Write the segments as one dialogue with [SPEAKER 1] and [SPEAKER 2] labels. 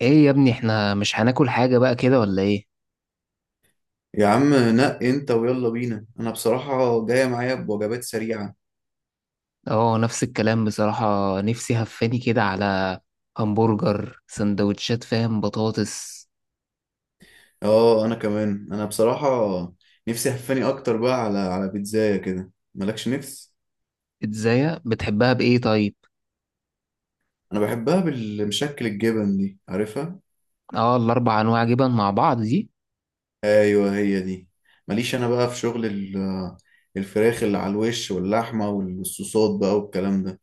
[SPEAKER 1] ايه يا ابني احنا مش هناكل حاجة بقى كده ولا ايه؟
[SPEAKER 2] يا عم نق انت ويلا بينا، انا بصراحة جاية معايا بوجبات سريعة.
[SPEAKER 1] اه، نفس الكلام بصراحة. نفسي هفاني كده على همبرجر، سندوتشات، فاهم، بطاطس.
[SPEAKER 2] اه انا كمان، انا بصراحة نفسي هفاني اكتر بقى على بيتزاية كده، مالكش نفس؟
[SPEAKER 1] ازاي بتحبها بايه طيب؟
[SPEAKER 2] انا بحبها بالمشكل الجبن دي، عارفها.
[SPEAKER 1] اه، الاربع انواع جبن مع بعض دي.
[SPEAKER 2] ايوه هي دي. ماليش انا بقى في شغل الفراخ اللي على الوش واللحمة والصوصات بقى والكلام ده.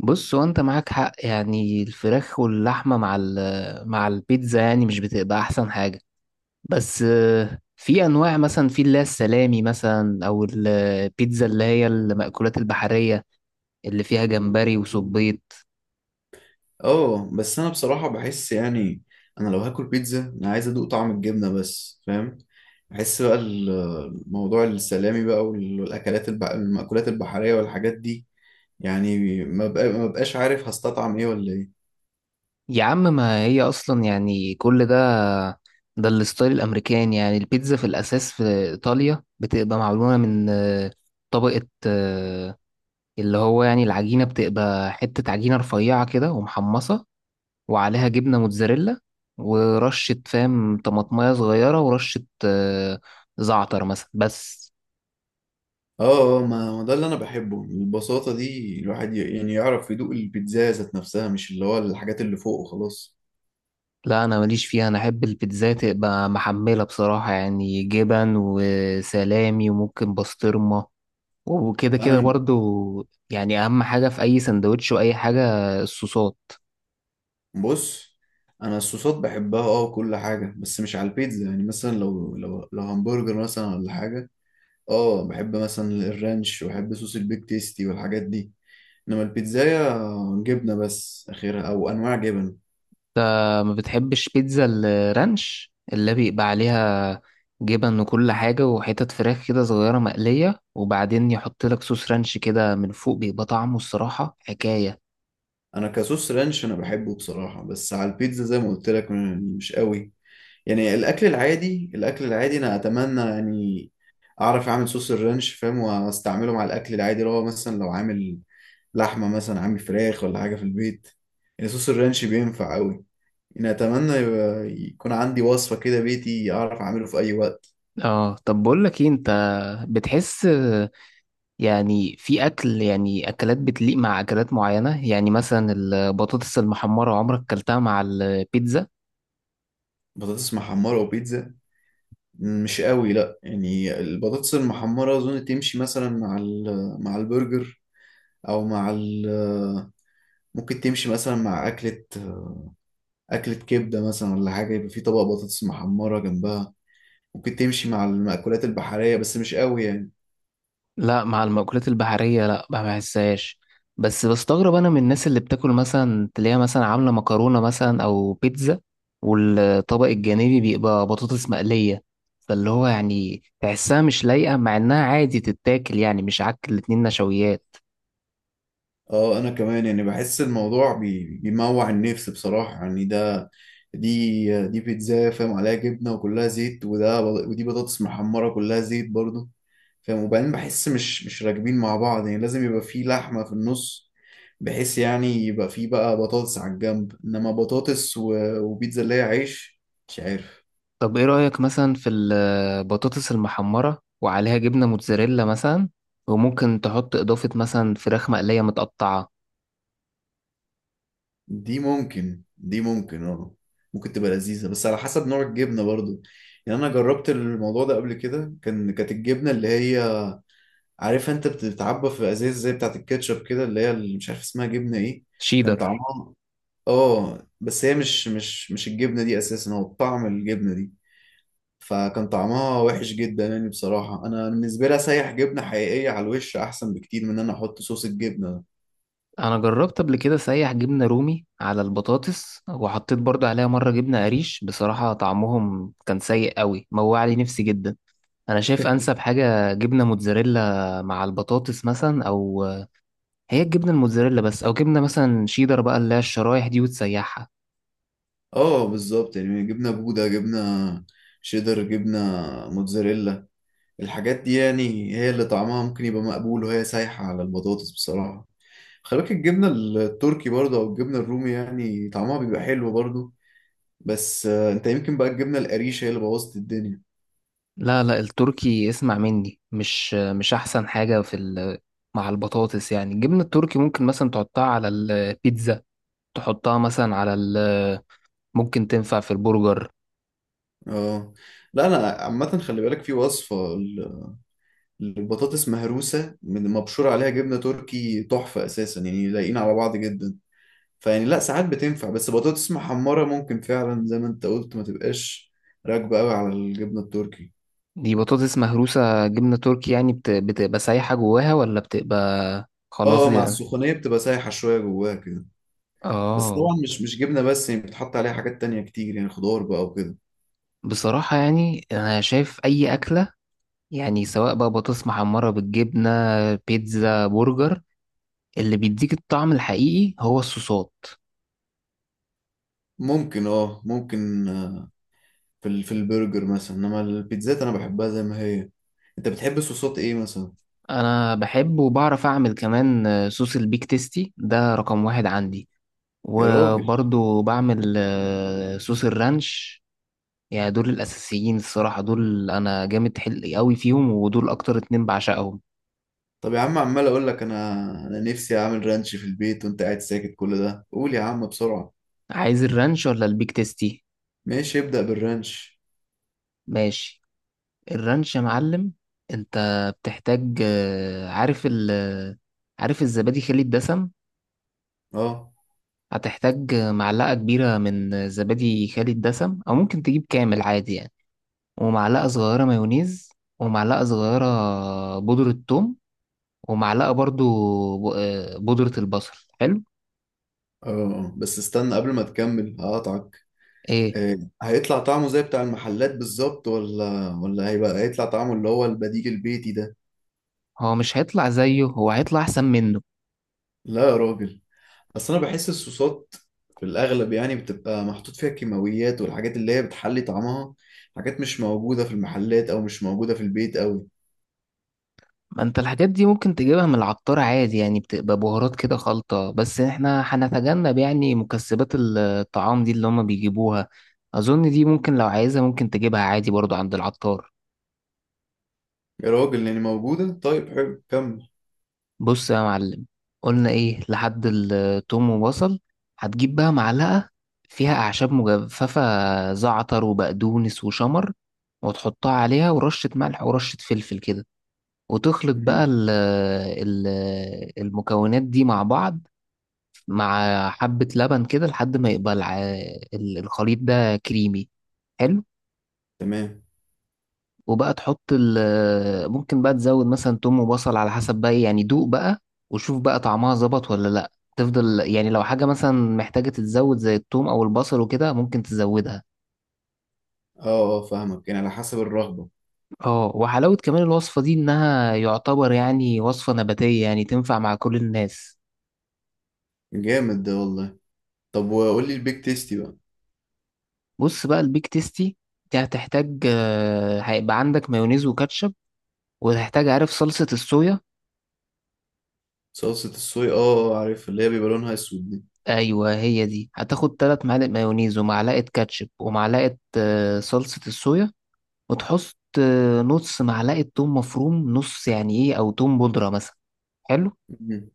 [SPEAKER 1] بص، وانت معاك حق، يعني الفراخ واللحمة مع البيتزا يعني مش بتبقى احسن حاجة. بس في انواع، مثلا في اللي هي السلامي مثلا، او البيتزا اللي هي المأكولات البحرية اللي فيها جمبري وصبيط.
[SPEAKER 2] اه بس انا بصراحة بحس، يعني انا لو هاكل بيتزا انا عايز ادوق طعم الجبنة بس، فاهم؟ بحس بقى موضوع السلامي بقى والاكلات المأكولات البحرية والحاجات دي، يعني ما بقاش عارف هستطعم ايه ولا ايه.
[SPEAKER 1] يا عم، ما هي اصلا يعني كل ده. ده الستايل الامريكاني. يعني البيتزا في الاساس في ايطاليا بتبقى معموله من طبقه، اللي هو يعني العجينه بتبقى حته عجينه رفيعه كده ومحمصه، وعليها جبنه موتزاريلا ورشه، فاهم، طماطمايه صغيره ورشه زعتر مثلا، بس.
[SPEAKER 2] اه اه، ما ده اللي انا بحبه، البساطة دي الواحد يعني يعرف يدوق البيتزا ذات نفسها، مش اللي هو الحاجات اللي فوق وخلاص.
[SPEAKER 1] لا، انا ماليش فيها، انا احب البيتزا تبقى محمله بصراحه، يعني جبن وسلامي وممكن بسطرمه وكده
[SPEAKER 2] انا
[SPEAKER 1] كده
[SPEAKER 2] من.
[SPEAKER 1] برضو. يعني اهم حاجة في اي سندوتش واي حاجة الصوصات.
[SPEAKER 2] بص، انا الصوصات بحبها اه وكل حاجة، بس مش على البيتزا. يعني مثلا لو لو همبرجر مثلا ولا حاجة، اه بحب مثلا الرانش، وبحب صوص البيك تيستي والحاجات دي. انما البيتزاية جبنة بس اخرها، او انواع جبن.
[SPEAKER 1] ما بتحبش بيتزا الرانش اللي بيبقى عليها جبن وكل حاجة وحتت فراخ كده صغيرة مقلية، وبعدين يحط لك صوص رانش كده من فوق، بيبقى طعمه الصراحة حكاية.
[SPEAKER 2] انا كصوص رانش انا بحبه بصراحة، بس على البيتزا زي ما قلت لك مش قوي. يعني الاكل العادي، الاكل العادي انا اتمنى، يعني اعرف اعمل صوص الرانش فاهم، واستعمله مع الاكل العادي اللي هو مثلا لو عامل لحمة مثلا، عامل فراخ ولا حاجة في البيت، يعني صوص الرانش بينفع قوي. يعني اتمنى يكون عندي وصفة كده بيتي اعرف اعمله في اي وقت.
[SPEAKER 1] اه، طب بقول لك ايه، انت بتحس يعني في اكل، يعني اكلات بتليق مع اكلات معينة. يعني مثلا البطاطس المحمرة، عمرك كلتها مع البيتزا؟
[SPEAKER 2] بطاطس محمرة وبيتزا؟ مش قوي، لا. يعني البطاطس المحمرة أظن تمشي مثلا مع مع البرجر، أو مع ممكن تمشي مثلا مع أكلة، أكلة كبدة مثلا ولا حاجة، يبقى في طبق بطاطس محمرة جنبها. ممكن تمشي مع المأكولات البحرية بس مش قوي يعني.
[SPEAKER 1] لا، مع المأكولات البحرية لا، ما بحسهاش. بس بستغرب أنا من الناس اللي بتاكل مثلا، تلاقيها مثلا عاملة مكرونة مثلا أو بيتزا، والطبق الجانبي بيبقى بطاطس مقلية، فاللي هو يعني تحسها مش لايقة، مع إنها عادي تتاكل، يعني مش عك، الاتنين نشويات.
[SPEAKER 2] اه انا كمان يعني بحس الموضوع بيموع النفس بصراحة، يعني ده، دي بيتزا فاهم عليها جبنة وكلها زيت، ودي بطاطس محمرة كلها زيت برضو فاهم، وبعدين بحس مش راكبين مع بعض. يعني لازم يبقى في لحمة في النص، بحيث يعني يبقى في بقى بطاطس على الجنب، انما بطاطس وبيتزا اللي هي عيش، مش عارف.
[SPEAKER 1] طب إيه رأيك مثلا في البطاطس المحمرة وعليها جبنة موتزاريلا مثلا، وممكن تحط إضافة مثلا فراخ مقلية متقطعة؟
[SPEAKER 2] دي ممكن، دي ممكن اه، ممكن تبقى لذيذة بس على حسب نوع الجبنة برضو. يعني انا جربت الموضوع ده قبل كده، كان كانت الجبنة اللي هي، عارف انت بتتعبى في ازاز زي بتاعت الكاتشب كده، اللي هي اللي مش عارف اسمها جبنة ايه. كان
[SPEAKER 1] شيدر.
[SPEAKER 2] طعمها، اه بس هي مش الجبنة دي اساسا، هو طعم الجبنة دي، فكان طعمها وحش جدا. يعني بصراحة أنا بالنسبة لي أسيح جبنة حقيقية على الوش أحسن بكتير من إن أنا أحط صوص الجبنة.
[SPEAKER 1] انا جربت قبل كده سايح جبنة رومي على البطاطس، وحطيت برضو عليها مرة جبنة قريش، بصراحة طعمهم كان سيء قوي، موع لي نفسي جدا. انا شايف انسب حاجة جبنة موتزاريلا مع البطاطس مثلا، او هي الجبنة الموتزاريلا بس، او جبنة مثلا شيدر بقى اللي هي الشرايح دي وتسيحها.
[SPEAKER 2] اه بالظبط، يعني جبنة بودة، جبنة شيدر، جبنة موتزاريلا، الحاجات دي يعني هي اللي طعمها ممكن يبقى مقبول وهي سايحة على البطاطس بصراحة. خلي بالك الجبنة التركي برضه، أو الجبنة الرومي، يعني طعمها بيبقى حلو برضه. بس أنت يمكن بقى الجبنة القريشة هي اللي بوظت الدنيا.
[SPEAKER 1] لا لا، التركي اسمع مني مش احسن حاجة مع البطاطس. يعني الجبنة التركي ممكن مثلا تحطها على البيتزا، تحطها مثلا ممكن تنفع في البرجر.
[SPEAKER 2] اه لا، أنا عامة خلي بالك في وصفة البطاطس مهروسة من مبشور عليها جبنة تركي، تحفة أساسا، يعني لايقين على بعض جدا. فيعني لا، ساعات بتنفع. بس بطاطس محمرة ممكن فعلا زي ما أنت قلت ما تبقاش راكبة قوي على الجبنة التركي.
[SPEAKER 1] دي بطاطس مهروسة جبنة تركي، يعني بتبقى سايحة جواها، ولا بتبقى خلاص
[SPEAKER 2] اه مع
[SPEAKER 1] يعني؟
[SPEAKER 2] السخونية بتبقى سايحة شوية جواها كده. بس
[SPEAKER 1] اه.
[SPEAKER 2] طبعا مش جبنة بس يعني، بتحط عليها حاجات تانية كتير، يعني خضار بقى وكده.
[SPEAKER 1] بصراحة يعني أنا شايف أي أكلة، يعني سواء بقى بطاطس محمرة بالجبنة، بيتزا، برجر، اللي بيديك الطعم الحقيقي هو الصوصات.
[SPEAKER 2] ممكن اه، ممكن، في في البرجر مثلا، انما البيتزات انا بحبها زي ما هي. انت بتحب صوصات ايه مثلا؟
[SPEAKER 1] أنا بحب وبعرف أعمل كمان صوص البيك تيستي، ده رقم واحد عندي.
[SPEAKER 2] يا راجل،
[SPEAKER 1] وبرضو بعمل صوص الرانش. يعني دول الأساسيين الصراحة، دول أنا جامد حلقي قوي فيهم، ودول أكتر اتنين بعشقهم.
[SPEAKER 2] طب يا عم عمال اقول لك، انا انا نفسي اعمل رانش في البيت، وانت قاعد ساكت كل ده؟ قول يا عم بسرعة.
[SPEAKER 1] عايز الرانش ولا البيك تيستي؟
[SPEAKER 2] ماشي، ابدأ بالرانش.
[SPEAKER 1] ماشي. الرانش يا معلم. أنت بتحتاج آه، عارف ال آه، عارف الزبادي خالي الدسم.
[SPEAKER 2] اه
[SPEAKER 1] هتحتاج معلقة كبيرة من زبادي خالي الدسم، أو ممكن تجيب كامل عادي يعني. ومعلقة صغيرة مايونيز، ومعلقة صغيرة بودرة ثوم، ومعلقة برضو بودرة البصل. حلو.
[SPEAKER 2] اه. بس استنى قبل ما تكمل هقطعك.
[SPEAKER 1] ايه؟
[SPEAKER 2] آه. هيطلع طعمه زي بتاع المحلات بالظبط، ولا هيبقى، هيطلع طعمه اللي هو البديل البيتي ده؟
[SPEAKER 1] هو مش هيطلع زيه، هو هيطلع احسن منه.
[SPEAKER 2] لا يا راجل، اصل انا بحس الصوصات في الاغلب يعني بتبقى محطوط فيها كيماويات، والحاجات اللي هي بتحلي طعمها، حاجات مش موجودة في المحلات، او مش موجودة في البيت قوي.
[SPEAKER 1] ما انت الحاجات دي ممكن تجيبها من العطار عادي. يعني بتبقى بهارات كده خلطة، بس احنا هنتجنب يعني مكسبات الطعام دي اللي هما بيجيبوها. اظن دي ممكن، لو عايزها ممكن تجيبها عادي برضو عند العطار.
[SPEAKER 2] يا راجل، يعني موجودة، طيب حلو كمل.
[SPEAKER 1] بص يا معلم، قلنا ايه لحد التوم وبصل. هتجيب بقى معلقة فيها اعشاب مجففة، زعتر وبقدونس وشمر، وتحطها عليها ورشة ملح ورشة فلفل كده، وتخلط بقى ال ال المكونات دي مع بعض، مع حبة لبن كده، لحد ما يبقى الخليط ده كريمي. حلو.
[SPEAKER 2] تمام.
[SPEAKER 1] وبقى تحط ممكن بقى تزود مثلا توم وبصل على حسب بقى إيه، يعني دوق بقى وشوف بقى طعمها ظبط ولا لا. تفضل يعني، لو حاجة مثلا محتاجة تتزود زي التوم أو البصل وكده، ممكن تزودها.
[SPEAKER 2] اه اه فاهمك، يعني على حسب الرغبة.
[SPEAKER 1] اه وحلاوة كمان الوصفة دي، إنها يعتبر يعني وصفة نباتية، يعني تنفع مع كل الناس.
[SPEAKER 2] جامد ده والله. طب وقول لي البيك تيستي بقى.
[SPEAKER 1] بص بقى البيك تيستي، دي هتحتاج هيبقى عندك مايونيز وكاتشب، وهتحتاج، عارف، صلصة الصويا.
[SPEAKER 2] صلصة الصويا، اه اه، عارف اللي هي بيبقى لونها اسود دي.
[SPEAKER 1] ايوه، هي دي. هتاخد تلات معالق مايونيز، ومعلقة كاتشب، ومعلقة صلصة الصويا. وتحط نص معلقة توم مفروم، نص يعني ايه، او توم بودرة مثلا. حلو.
[SPEAKER 2] مم.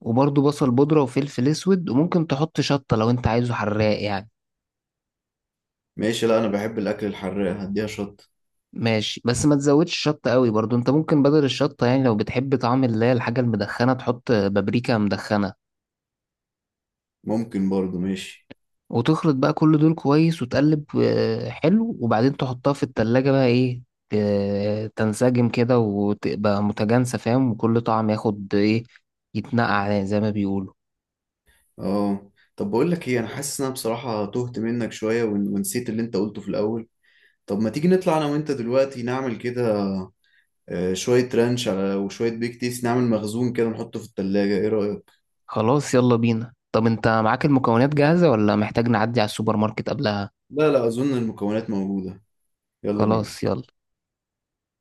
[SPEAKER 1] وبرضه بصل بودرة وفلفل اسود، وممكن تحط شطة لو انت عايزه حراق يعني.
[SPEAKER 2] ماشي، لا انا بحب الاكل الحراق، هديها شط.
[SPEAKER 1] ماشي، بس ما تزودش شطة قوي برضه. انت ممكن بدل الشطة، يعني لو بتحب طعم اللي هي الحاجة المدخنة، تحط بابريكا مدخنة.
[SPEAKER 2] ممكن برضو، ماشي.
[SPEAKER 1] وتخلط بقى كل دول كويس، وتقلب حلو. وبعدين تحطها في التلاجة بقى، ايه، تنسجم كده وتبقى متجانسة، فاهم، وكل طعم ياخد ايه، يتنقع زي ما بيقولوا.
[SPEAKER 2] اه طب بقول لك ايه، انا حاسس ان انا بصراحة تهت منك شوية، ونسيت اللي انت قلته في الاول. طب ما تيجي نطلع انا وانت دلوقتي نعمل كده، شوية رانش على وشوية بيك تيست، نعمل مخزون كده نحطه في التلاجة، ايه رأيك؟
[SPEAKER 1] خلاص يلا بينا. طب انت معاك المكونات جاهزة، ولا محتاج نعدي على السوبر ماركت قبلها؟
[SPEAKER 2] لا لا، اظن المكونات موجودة. يلا
[SPEAKER 1] خلاص
[SPEAKER 2] بينا.
[SPEAKER 1] يلا.